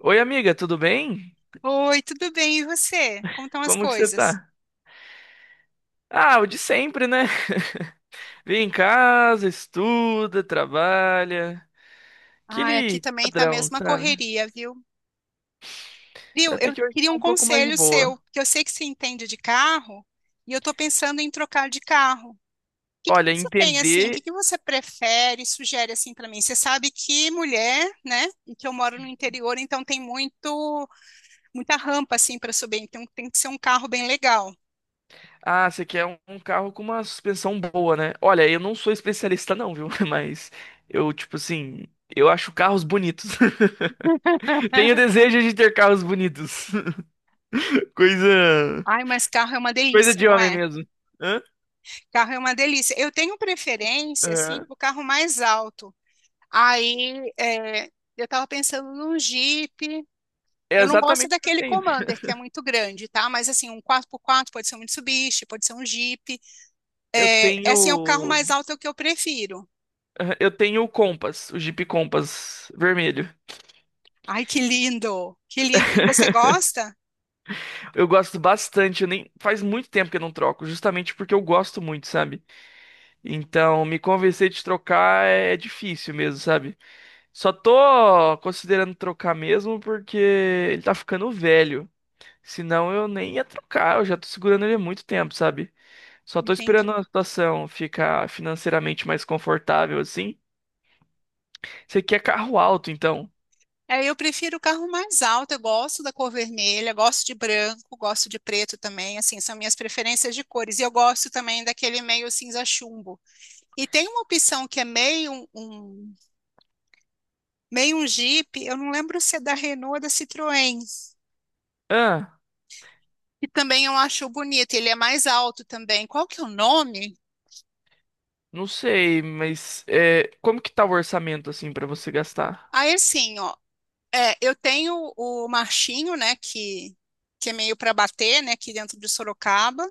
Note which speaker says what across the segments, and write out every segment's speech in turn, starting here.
Speaker 1: Oi, amiga, tudo bem?
Speaker 2: Oi, tudo bem? E você? Como estão as
Speaker 1: Como que você
Speaker 2: coisas?
Speaker 1: tá? Ah, o de sempre, né? Vem em casa, estuda, trabalha.
Speaker 2: Ah, aqui
Speaker 1: Aquele
Speaker 2: também tá a
Speaker 1: padrão,
Speaker 2: mesma
Speaker 1: sabe?
Speaker 2: correria, viu? Viu?
Speaker 1: Até
Speaker 2: Eu
Speaker 1: que hoje
Speaker 2: queria
Speaker 1: tá
Speaker 2: um
Speaker 1: um pouco mais de
Speaker 2: conselho
Speaker 1: boa.
Speaker 2: seu, porque eu sei que você entende de carro e eu tô pensando em trocar de carro. O que que
Speaker 1: Olha,
Speaker 2: você tem assim? O que
Speaker 1: entender.
Speaker 2: que você prefere, sugere assim para mim? Você sabe que mulher, né? E que eu moro no interior, então tem muito muita rampa assim para subir, então tem que ser um carro bem legal.
Speaker 1: Ah, você quer um carro com uma suspensão boa, né? Olha, eu não sou especialista, não, viu? Mas eu, tipo assim, eu acho carros bonitos. Tenho desejo de ter carros bonitos. Coisa.
Speaker 2: Ai, mas carro é uma
Speaker 1: Coisa
Speaker 2: delícia,
Speaker 1: de
Speaker 2: não
Speaker 1: homem
Speaker 2: é?
Speaker 1: mesmo. Hã?
Speaker 2: Carro é uma delícia. Eu tenho preferência, assim,
Speaker 1: Aham.
Speaker 2: para o carro mais alto. Aí, eu estava pensando num Jeep.
Speaker 1: É
Speaker 2: Eu não gosto
Speaker 1: exatamente o que eu
Speaker 2: daquele
Speaker 1: tenho.
Speaker 2: Commander, que é muito grande, tá? Mas assim, um quatro por quatro pode ser um Mitsubishi, pode ser um Jeep.
Speaker 1: Eu
Speaker 2: É, é, assim, é o carro mais
Speaker 1: tenho.
Speaker 2: alto, é o que eu prefiro.
Speaker 1: Eu tenho o Compass, o Jeep Compass vermelho.
Speaker 2: Ai, que lindo! Que lindo! E você gosta?
Speaker 1: Eu gosto bastante, eu nem faz muito tempo que eu não troco, justamente porque eu gosto muito, sabe? Então, me convencer de trocar é difícil mesmo, sabe? Só tô considerando trocar mesmo porque ele tá ficando velho. Senão eu nem ia trocar, eu já tô segurando ele há muito tempo, sabe? Só tô esperando
Speaker 2: Entendi.
Speaker 1: a situação ficar financeiramente mais confortável assim. Você quer carro alto, então?
Speaker 2: É, eu prefiro o carro mais alto, eu gosto da cor vermelha, gosto de branco, gosto de preto também, assim, são minhas preferências de cores. E eu gosto também daquele meio cinza chumbo. E tem uma opção que é meio um meio um Jeep, eu não lembro se é da Renault ou da Citroën, que também eu acho bonito, ele é mais alto também. Qual que é o nome?
Speaker 1: Não sei, mas é, como que tá o orçamento assim pra você gastar?
Speaker 2: Aí assim, ó, eu tenho o Marchinho, né, que é meio para bater, né, aqui dentro de Sorocaba,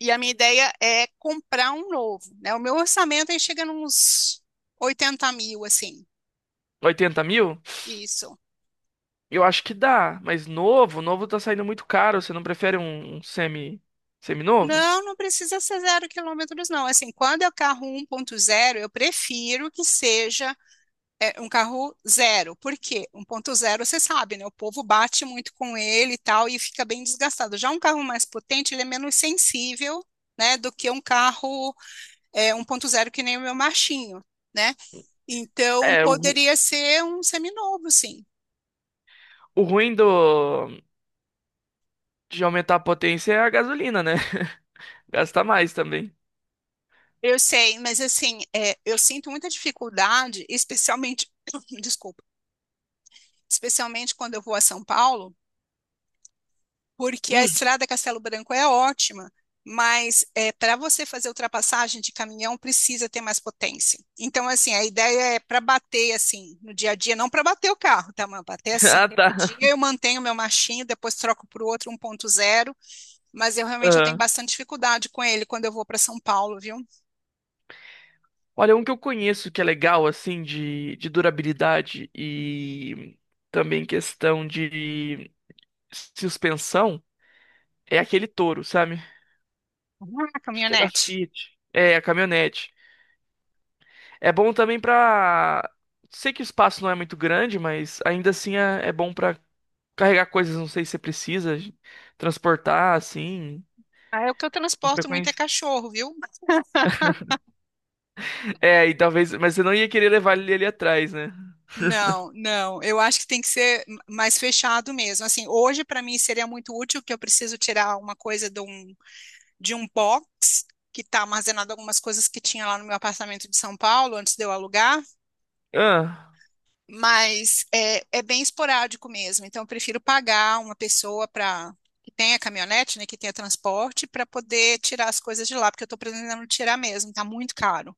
Speaker 2: e a minha ideia é comprar um novo, né? O meu orçamento aí chega nos 80 mil, assim,
Speaker 1: 80 mil?
Speaker 2: isso.
Speaker 1: Eu acho que dá, mas novo, novo tá saindo muito caro. Você não prefere um semi-novo?
Speaker 2: Não, não precisa ser zero quilômetros, não. Assim, quando é o carro 1.0, eu prefiro que seja um carro zero. Por quê? Um ponto zero você sabe, né? O povo bate muito com ele e tal, e fica bem desgastado. Já um carro mais potente, ele é menos sensível, né? Do que um carro 1.0 que nem o meu machinho, né? Então,
Speaker 1: É,
Speaker 2: poderia ser um seminovo, sim.
Speaker 1: o ruim de aumentar a potência é a gasolina, né? Gasta mais também.
Speaker 2: Eu sei, mas assim, eu sinto muita dificuldade, especialmente, desculpa, especialmente quando eu vou a São Paulo, porque a
Speaker 1: Hum,
Speaker 2: estrada Castelo Branco é ótima, mas é para você fazer ultrapassagem de caminhão precisa ter mais potência. Então, assim, a ideia é para bater assim no dia a dia, não para bater o carro, tá? Mas bater assim.
Speaker 1: ah,
Speaker 2: No
Speaker 1: tá.
Speaker 2: dia eu mantenho meu machinho, depois troco para o outro 1.0, mas eu realmente eu tenho
Speaker 1: Aham.
Speaker 2: bastante dificuldade com ele quando eu vou para São Paulo, viu?
Speaker 1: Olha, um que eu conheço que é legal, assim, de durabilidade e também questão de suspensão é aquele Toro, sabe?
Speaker 2: Ah,
Speaker 1: Acho que é da
Speaker 2: caminhonete.
Speaker 1: Fiat. É, a caminhonete. É bom também pra. Sei que o espaço não é muito grande, mas ainda assim é bom pra carregar coisas, não sei se você precisa, transportar assim,
Speaker 2: Ah, é o que eu
Speaker 1: com
Speaker 2: transporto muito é
Speaker 1: frequência.
Speaker 2: cachorro, viu?
Speaker 1: É, e talvez. Mas você não ia querer levar ele ali atrás, né?
Speaker 2: Não, não. Eu acho que tem que ser mais fechado mesmo. Assim, hoje para mim seria muito útil que eu preciso tirar uma coisa de um box que está armazenado algumas coisas que tinha lá no meu apartamento de São Paulo antes de eu alugar,
Speaker 1: Ah,
Speaker 2: mas é bem esporádico mesmo. Então eu prefiro pagar uma pessoa para que tenha caminhonete, né, que tenha transporte para poder tirar as coisas de lá, porque eu estou precisando tirar mesmo. Está muito caro.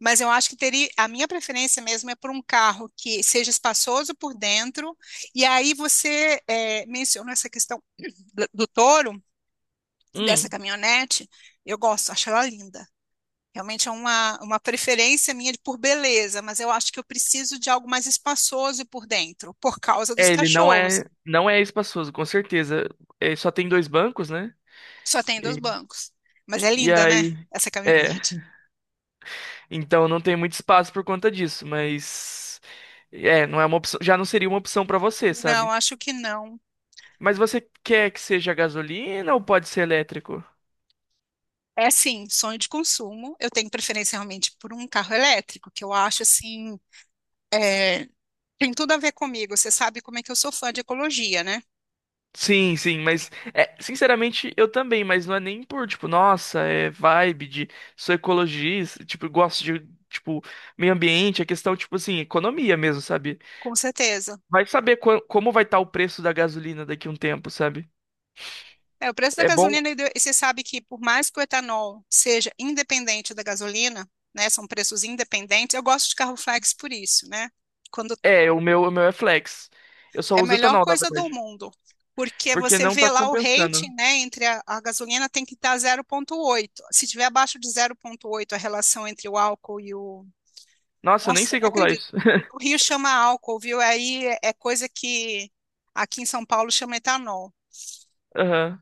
Speaker 2: Mas eu acho que teria, a minha preferência mesmo é por um carro que seja espaçoso por dentro. E aí você mencionou essa questão do Toro, dessa
Speaker 1: hum.
Speaker 2: caminhonete. Eu gosto, acho ela linda. Realmente é uma preferência minha por beleza, mas eu acho que eu preciso de algo mais espaçoso por dentro, por causa dos
Speaker 1: É, ele não
Speaker 2: cachorros.
Speaker 1: é, não é espaçoso, com certeza. É, só tem dois bancos, né?
Speaker 2: Só tem dois
Speaker 1: E,
Speaker 2: bancos. Mas é
Speaker 1: e
Speaker 2: linda, né?
Speaker 1: aí.
Speaker 2: Essa
Speaker 1: É,
Speaker 2: caminhonete.
Speaker 1: então não tem muito espaço por conta disso, mas. É, não é uma opção. Já não seria uma opção pra você,
Speaker 2: Não,
Speaker 1: sabe?
Speaker 2: acho que não.
Speaker 1: Mas você quer que seja gasolina ou pode ser elétrico?
Speaker 2: É assim, sonho de consumo. Eu tenho preferência realmente por um carro elétrico, que eu acho assim, é, tem tudo a ver comigo. Você sabe como é que eu sou fã de ecologia, né?
Speaker 1: Sim, sim, mas é, sinceramente eu também, mas não é nem por tipo, nossa, é vibe de sou ecologista, tipo, gosto de tipo meio ambiente, é questão tipo assim, economia mesmo, sabe?
Speaker 2: Com certeza.
Speaker 1: Vai saber como vai estar o preço da gasolina daqui a um tempo, sabe?
Speaker 2: É, o preço da
Speaker 1: É bom,
Speaker 2: gasolina, e você sabe que por mais que o etanol seja independente da gasolina, né, são preços independentes, eu gosto de carro flex por isso, né? Quando
Speaker 1: é, o meu é flex. Eu só
Speaker 2: é a
Speaker 1: uso
Speaker 2: melhor
Speaker 1: etanol, na
Speaker 2: coisa do
Speaker 1: verdade,
Speaker 2: mundo, porque
Speaker 1: porque
Speaker 2: você
Speaker 1: não
Speaker 2: vê
Speaker 1: tá
Speaker 2: lá o
Speaker 1: compensando.
Speaker 2: rating, né, entre a gasolina tem que estar 0,8. Se tiver abaixo de 0,8, a relação entre o álcool e o.
Speaker 1: Nossa, eu nem
Speaker 2: Nossa, eu
Speaker 1: sei
Speaker 2: não
Speaker 1: calcular
Speaker 2: acredito.
Speaker 1: isso.
Speaker 2: O Rio chama álcool, viu? Aí é coisa que aqui em São Paulo chama etanol.
Speaker 1: Aham.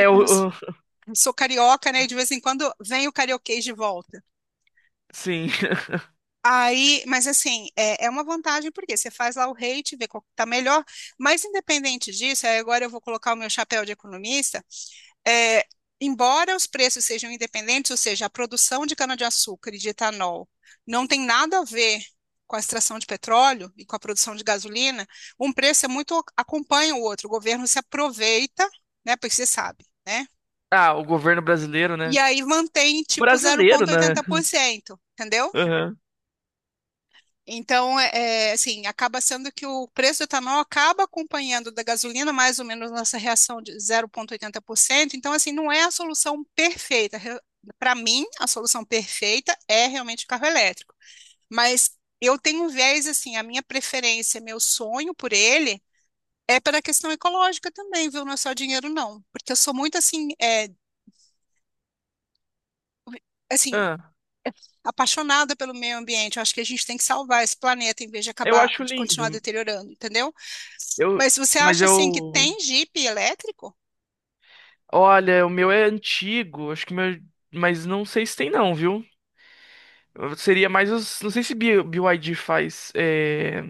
Speaker 2: E como eu sou
Speaker 1: o, o-
Speaker 2: sou carioca, né? De vez em quando vem o carioquês de volta.
Speaker 1: sim.
Speaker 2: Aí, mas assim, é uma vantagem porque você faz lá o rate, vê qual que tá melhor. Mas independente disso, aí agora eu vou colocar o meu chapéu de economista. é, embora os preços sejam independentes, ou seja, a produção de cana-de-açúcar e de etanol não tem nada a ver com a extração de petróleo e com a produção de gasolina, um preço é muito acompanha o outro. O governo se aproveita, né, porque você sabe, né?
Speaker 1: Ah, o governo brasileiro,
Speaker 2: E
Speaker 1: né?
Speaker 2: aí mantém tipo
Speaker 1: Brasileiro, né?
Speaker 2: 0,80%, entendeu?
Speaker 1: Aham.
Speaker 2: Então, assim, acaba sendo que o preço do etanol acaba acompanhando da gasolina, mais ou menos nessa reação de 0,80%. Então, assim, não é a solução perfeita. Para mim, a solução perfeita é realmente o carro elétrico. Mas eu tenho um viés, assim, a minha preferência, meu sonho por ele é pela questão ecológica também, viu? Não é só dinheiro, não. Porque eu sou muito, assim, assim,
Speaker 1: Ah,
Speaker 2: apaixonada pelo meio ambiente. Eu acho que a gente tem que salvar esse planeta em vez de
Speaker 1: eu
Speaker 2: acabar,
Speaker 1: acho
Speaker 2: de continuar
Speaker 1: lindo.
Speaker 2: deteriorando, entendeu?
Speaker 1: Eu,
Speaker 2: Mas você
Speaker 1: mas
Speaker 2: acha assim que
Speaker 1: eu,
Speaker 2: tem Jeep elétrico?
Speaker 1: olha, o meu é antigo, acho que o meu, mas não sei se tem não, viu? Seria mais os, não sei se BYD faz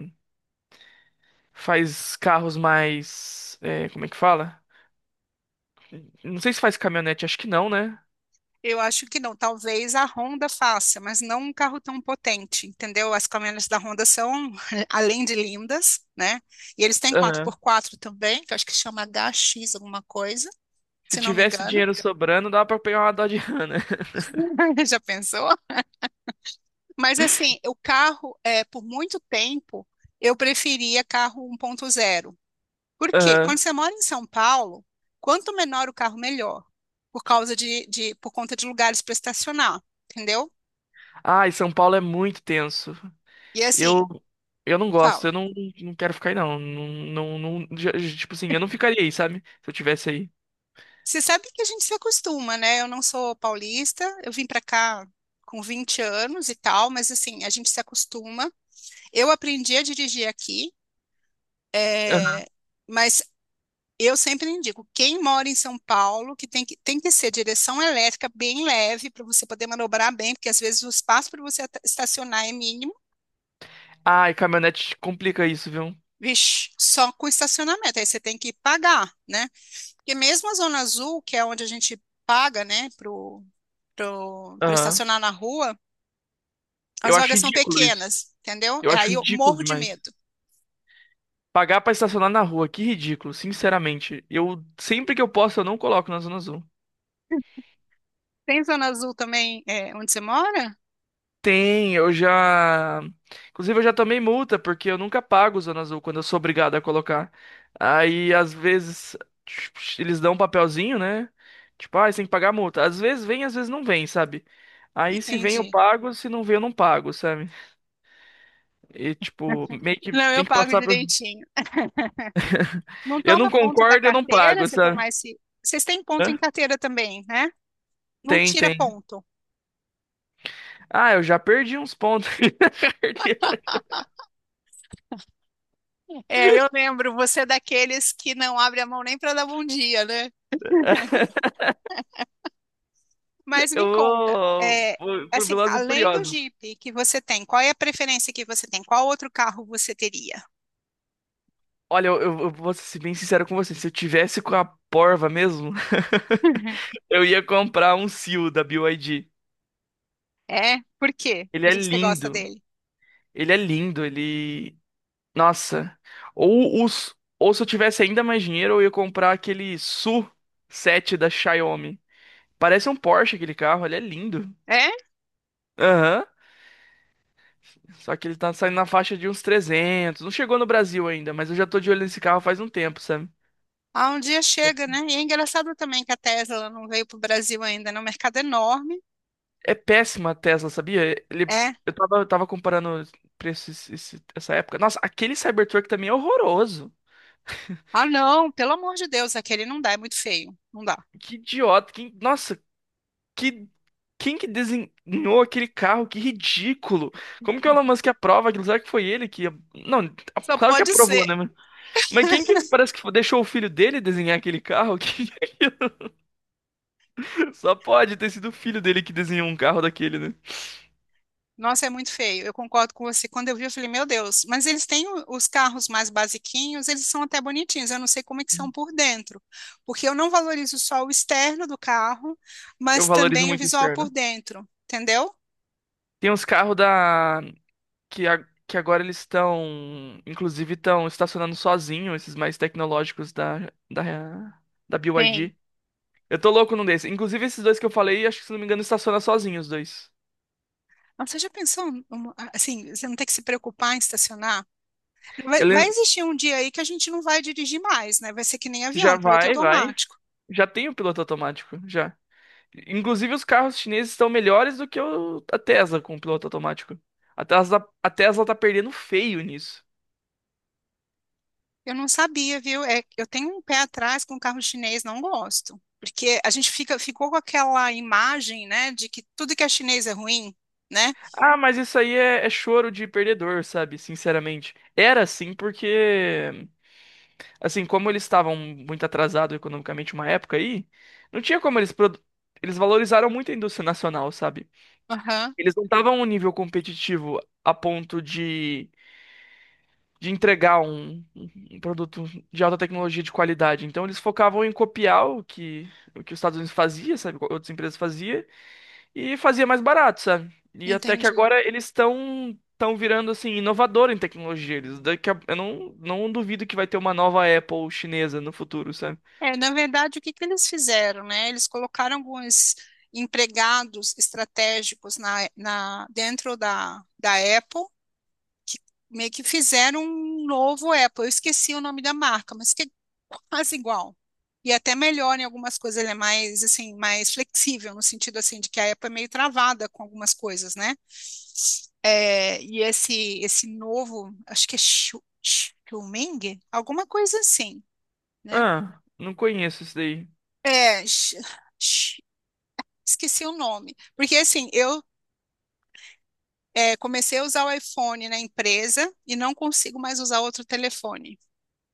Speaker 1: faz carros mais, é, como é que fala? Não sei se faz caminhonete, acho que não, né?
Speaker 2: Eu acho que não. Talvez a Honda faça, mas não um carro tão potente, entendeu? As caminhonetes da Honda são, além de lindas, né? E eles têm quatro
Speaker 1: Aham.
Speaker 2: por quatro também, que eu acho que chama HX alguma coisa,
Speaker 1: Se
Speaker 2: se não me
Speaker 1: tivesse
Speaker 2: engano.
Speaker 1: dinheiro sobrando, dava pra pegar uma Dodge Ram, né?
Speaker 2: Já pensou? Mas assim, o carro, por muito tempo, eu preferia carro 1.0. Por quê? Quando
Speaker 1: Aham.
Speaker 2: você mora em São Paulo, quanto menor o carro, melhor, por causa de por conta de lugares para estacionar, entendeu?
Speaker 1: Ah, e São Paulo é muito tenso.
Speaker 2: E assim,
Speaker 1: Eu, eu não
Speaker 2: fala.
Speaker 1: gosto, eu não, não quero ficar aí, não. Não, não, tipo assim, eu não ficaria aí, sabe? Se eu tivesse aí.
Speaker 2: Você sabe que a gente se acostuma, né? Eu não sou paulista, eu vim para cá com 20 anos e tal, mas assim, a gente se acostuma. Eu aprendi a dirigir aqui,
Speaker 1: Aham.
Speaker 2: é, mas eu sempre indico, quem mora em São Paulo, que tem que ser direção elétrica bem leve para você poder manobrar bem, porque às vezes o espaço para você estacionar é mínimo.
Speaker 1: Ai, caminhonete complica isso, viu?
Speaker 2: Vixe, só com estacionamento, aí você tem que pagar, né? Porque mesmo a Zona Azul, que é onde a gente paga, né, para
Speaker 1: Aham.
Speaker 2: estacionar na rua, as
Speaker 1: Eu acho
Speaker 2: vagas são
Speaker 1: ridículo isso.
Speaker 2: pequenas, entendeu?
Speaker 1: Eu
Speaker 2: E
Speaker 1: acho
Speaker 2: aí eu
Speaker 1: ridículo
Speaker 2: morro de
Speaker 1: demais.
Speaker 2: medo.
Speaker 1: Pagar pra estacionar na rua, que ridículo, sinceramente. Eu, sempre que eu posso, eu não coloco na zona azul.
Speaker 2: Tem Zona Azul também, onde você mora?
Speaker 1: Tem, eu já. Inclusive, eu já tomei multa, porque eu nunca pago o Zona Azul quando eu sou obrigado a colocar. Aí, às vezes, tipo, eles dão um papelzinho, né? Tipo, ah, você tem que pagar a multa. Às vezes vem, às vezes não vem, sabe? Aí, se vem, eu
Speaker 2: Entendi.
Speaker 1: pago, se não vem, eu não pago, sabe? E, tipo, meio que
Speaker 2: Não, eu
Speaker 1: tem que
Speaker 2: pago
Speaker 1: passar por.
Speaker 2: direitinho. Não
Speaker 1: Eu não
Speaker 2: toma ponto da
Speaker 1: concordo, eu não
Speaker 2: carteira,
Speaker 1: pago,
Speaker 2: você
Speaker 1: sabe?
Speaker 2: tomar esse. Vocês têm ponto em
Speaker 1: Hã?
Speaker 2: carteira também, né? Não
Speaker 1: Tem,
Speaker 2: tira
Speaker 1: tem.
Speaker 2: ponto.
Speaker 1: Ah, eu já perdi uns pontos na carteira.
Speaker 2: É, eu lembro, você é daqueles que não abre a mão nem para dar bom dia, né? Mas
Speaker 1: Eu
Speaker 2: me conta,
Speaker 1: vou, vou pro
Speaker 2: assim,
Speaker 1: Velozes e
Speaker 2: além do
Speaker 1: Furiosos.
Speaker 2: Jeep que você tem, qual é a preferência que você tem? Qual outro carro você teria?
Speaker 1: Olha, eu vou ser bem sincero com você. Se eu tivesse com a porva mesmo, eu ia comprar um Seal da BYD.
Speaker 2: É? Por quê?
Speaker 1: Ele
Speaker 2: Por
Speaker 1: é
Speaker 2: que que você gosta
Speaker 1: lindo.
Speaker 2: dele?
Speaker 1: Ele é lindo. Ele. Nossa. Ou se eu tivesse ainda mais dinheiro, eu ia comprar aquele SU7 da Xiaomi. Parece um Porsche aquele carro. Ele é lindo.
Speaker 2: É?
Speaker 1: Aham. Só que ele tá saindo na faixa de uns 300. Não chegou no Brasil ainda, mas eu já tô de olho nesse carro faz um tempo, sabe?
Speaker 2: Ah, um dia chega, né? E é engraçado também que a Tesla não veio para o Brasil ainda, né? Um mercado é enorme.
Speaker 1: É péssima a Tesla, sabia? Ele,
Speaker 2: É.
Speaker 1: eu tava comparando preço essa época. Nossa, aquele Cybertruck também é horroroso.
Speaker 2: Ah, não, pelo amor de Deus, aquele não dá, é muito feio. Não dá.
Speaker 1: Que idiota. Nossa, que, quem que desenhou aquele carro? Que ridículo. Como que o Elon Musk aprova aquilo? Será que foi ele que... Não,
Speaker 2: Só
Speaker 1: claro que
Speaker 2: pode
Speaker 1: aprovou,
Speaker 2: ser.
Speaker 1: né? Mas quem que parece que deixou o filho dele desenhar aquele carro? Que Só pode ter sido o filho dele que desenhou um carro daquele, né?
Speaker 2: Nossa, é muito feio. Eu concordo com você. Quando eu vi, eu falei, meu Deus, mas eles têm os carros mais basiquinhos, eles são até bonitinhos. Eu não sei como é que são por dentro, porque eu não valorizo só o externo do carro,
Speaker 1: Eu
Speaker 2: mas
Speaker 1: valorizo
Speaker 2: também o
Speaker 1: muito o
Speaker 2: visual por
Speaker 1: externo.
Speaker 2: dentro, entendeu?
Speaker 1: Tem uns carros que agora eles estão, inclusive, estão estacionando sozinho esses mais tecnológicos da, da
Speaker 2: Bem,
Speaker 1: BYD. Eu tô louco num desses. Inclusive, esses dois que eu falei, acho que, se não me engano, estaciona sozinho os dois.
Speaker 2: mas você já pensou, assim, você não tem que se preocupar em estacionar? Vai
Speaker 1: Ele
Speaker 2: existir um dia aí que a gente não vai dirigir mais, né? Vai ser que nem
Speaker 1: já
Speaker 2: avião, piloto
Speaker 1: vai, vai.
Speaker 2: automático.
Speaker 1: Já tem o piloto automático, já. Inclusive, os carros chineses estão melhores do que a Tesla com o piloto automático. A Tesla tá perdendo feio nisso.
Speaker 2: Eu não sabia, viu? É, eu tenho um pé atrás com carro chinês, não gosto. Porque a gente ficou com aquela imagem, né, de que tudo que é chinês é ruim, né?
Speaker 1: Ah, mas isso aí é choro de perdedor, sabe? Sinceramente. Era assim porque Assim, como eles estavam muito atrasados economicamente uma época aí, não tinha como eles valorizaram muito a indústria nacional, sabe?
Speaker 2: Aham,
Speaker 1: Eles não estavam a um nível competitivo a ponto de entregar um produto de alta tecnologia de qualidade. Então eles focavam em copiar o que os Estados Unidos fazia, sabe? O que outras empresas fazia e fazia mais barato, sabe? E até que
Speaker 2: entendi.
Speaker 1: agora eles estão virando assim inovador em tecnologia. Eu não duvido que vai ter uma nova Apple chinesa no futuro, sabe?
Speaker 2: É, na verdade, o que que eles fizeram, né? Eles colocaram alguns empregados estratégicos dentro da Apple que meio que fizeram um novo Apple. Eu esqueci o nome da marca, mas que é quase igual. E até melhor em algumas coisas, ele é mais assim, mais flexível, no sentido assim, de que a Apple é meio travada com algumas coisas, né? É, e esse novo, acho que é Xiaoming, alguma coisa assim, né?
Speaker 1: Ah, não conheço isso daí.
Speaker 2: É, X- esqueci o nome. Porque assim, eu comecei a usar o iPhone na empresa e não consigo mais usar outro telefone.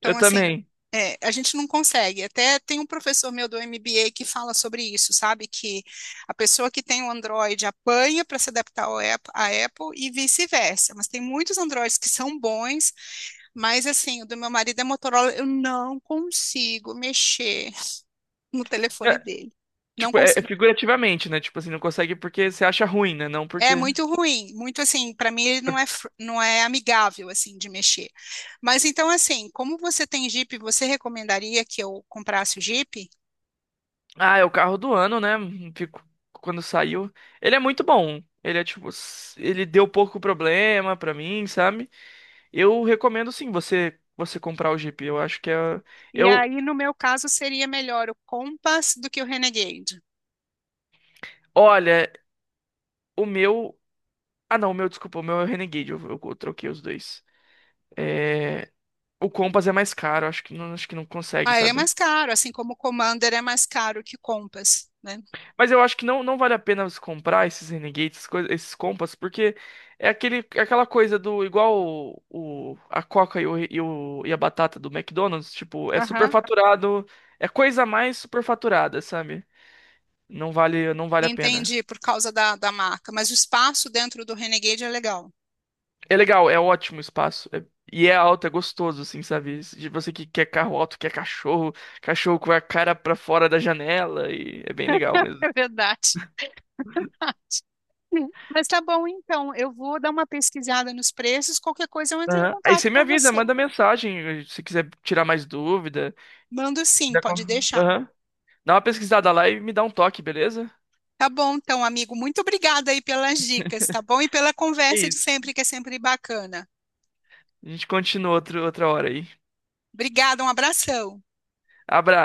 Speaker 1: Eu
Speaker 2: assim,
Speaker 1: também.
Speaker 2: a gente não consegue. Até tem um professor meu do MBA que fala sobre isso, sabe? Que a pessoa que tem o Android apanha para se adaptar ao Apple, à Apple e vice-versa. Mas tem muitos Androids que são bons, mas assim, o do meu marido é Motorola, eu não consigo mexer no telefone
Speaker 1: É,
Speaker 2: dele. Não
Speaker 1: tipo, é
Speaker 2: consigo.
Speaker 1: figurativamente, né? Tipo assim, não consegue porque você acha ruim, né? Não
Speaker 2: É
Speaker 1: porque.
Speaker 2: muito ruim, muito assim, para mim ele não é, não é amigável assim de mexer. Mas então assim, como você tem Jeep, você recomendaria que eu comprasse o Jeep?
Speaker 1: Ah, é o carro do ano, né? Fico. Quando saiu. Ele é muito bom. Ele é tipo. Ele deu pouco problema pra mim, sabe? Eu recomendo sim você comprar o Jeep. Eu acho que é.
Speaker 2: E
Speaker 1: Eu.
Speaker 2: aí, no meu caso, seria melhor o Compass do que o Renegade.
Speaker 1: Olha, o meu. Ah, não, desculpa, o meu é o Renegade. Eu troquei os dois. É. O Compass é mais caro, acho que não consegue,
Speaker 2: Ah, ele é
Speaker 1: sabe?
Speaker 2: mais caro, assim como o Commander é mais caro que o Compass, né?
Speaker 1: Mas eu acho que não, não vale a pena você comprar esses Renegades, esses Compass, porque é aquela coisa do igual a Coca e a batata do McDonald's, tipo, é
Speaker 2: Aham.
Speaker 1: superfaturado, é coisa mais superfaturada, sabe? Não vale, não vale a pena.
Speaker 2: Entendi, por causa da marca. Mas o espaço dentro do Renegade é legal.
Speaker 1: É legal, é ótimo o espaço. E é alto, é gostoso, assim, sabe? De você que quer carro alto, quer cachorro, cachorro com a cara pra fora da janela, e é bem legal mesmo.
Speaker 2: É verdade. Mas tá bom, então. Eu vou dar uma pesquisada nos preços. Qualquer coisa eu entro em
Speaker 1: Aham. Aí
Speaker 2: contato
Speaker 1: você me
Speaker 2: com
Speaker 1: avisa,
Speaker 2: você.
Speaker 1: manda mensagem se quiser tirar mais dúvida.
Speaker 2: Mando sim,
Speaker 1: Já con-
Speaker 2: pode deixar.
Speaker 1: Aham. Dá uma pesquisada lá e me dá um toque, beleza?
Speaker 2: Tá bom, então, amigo. Muito obrigada aí pelas dicas, tá bom? E pela
Speaker 1: É
Speaker 2: conversa de
Speaker 1: isso.
Speaker 2: sempre, que é sempre bacana.
Speaker 1: A gente continua outra hora aí.
Speaker 2: Obrigada, um abração.
Speaker 1: Abraço.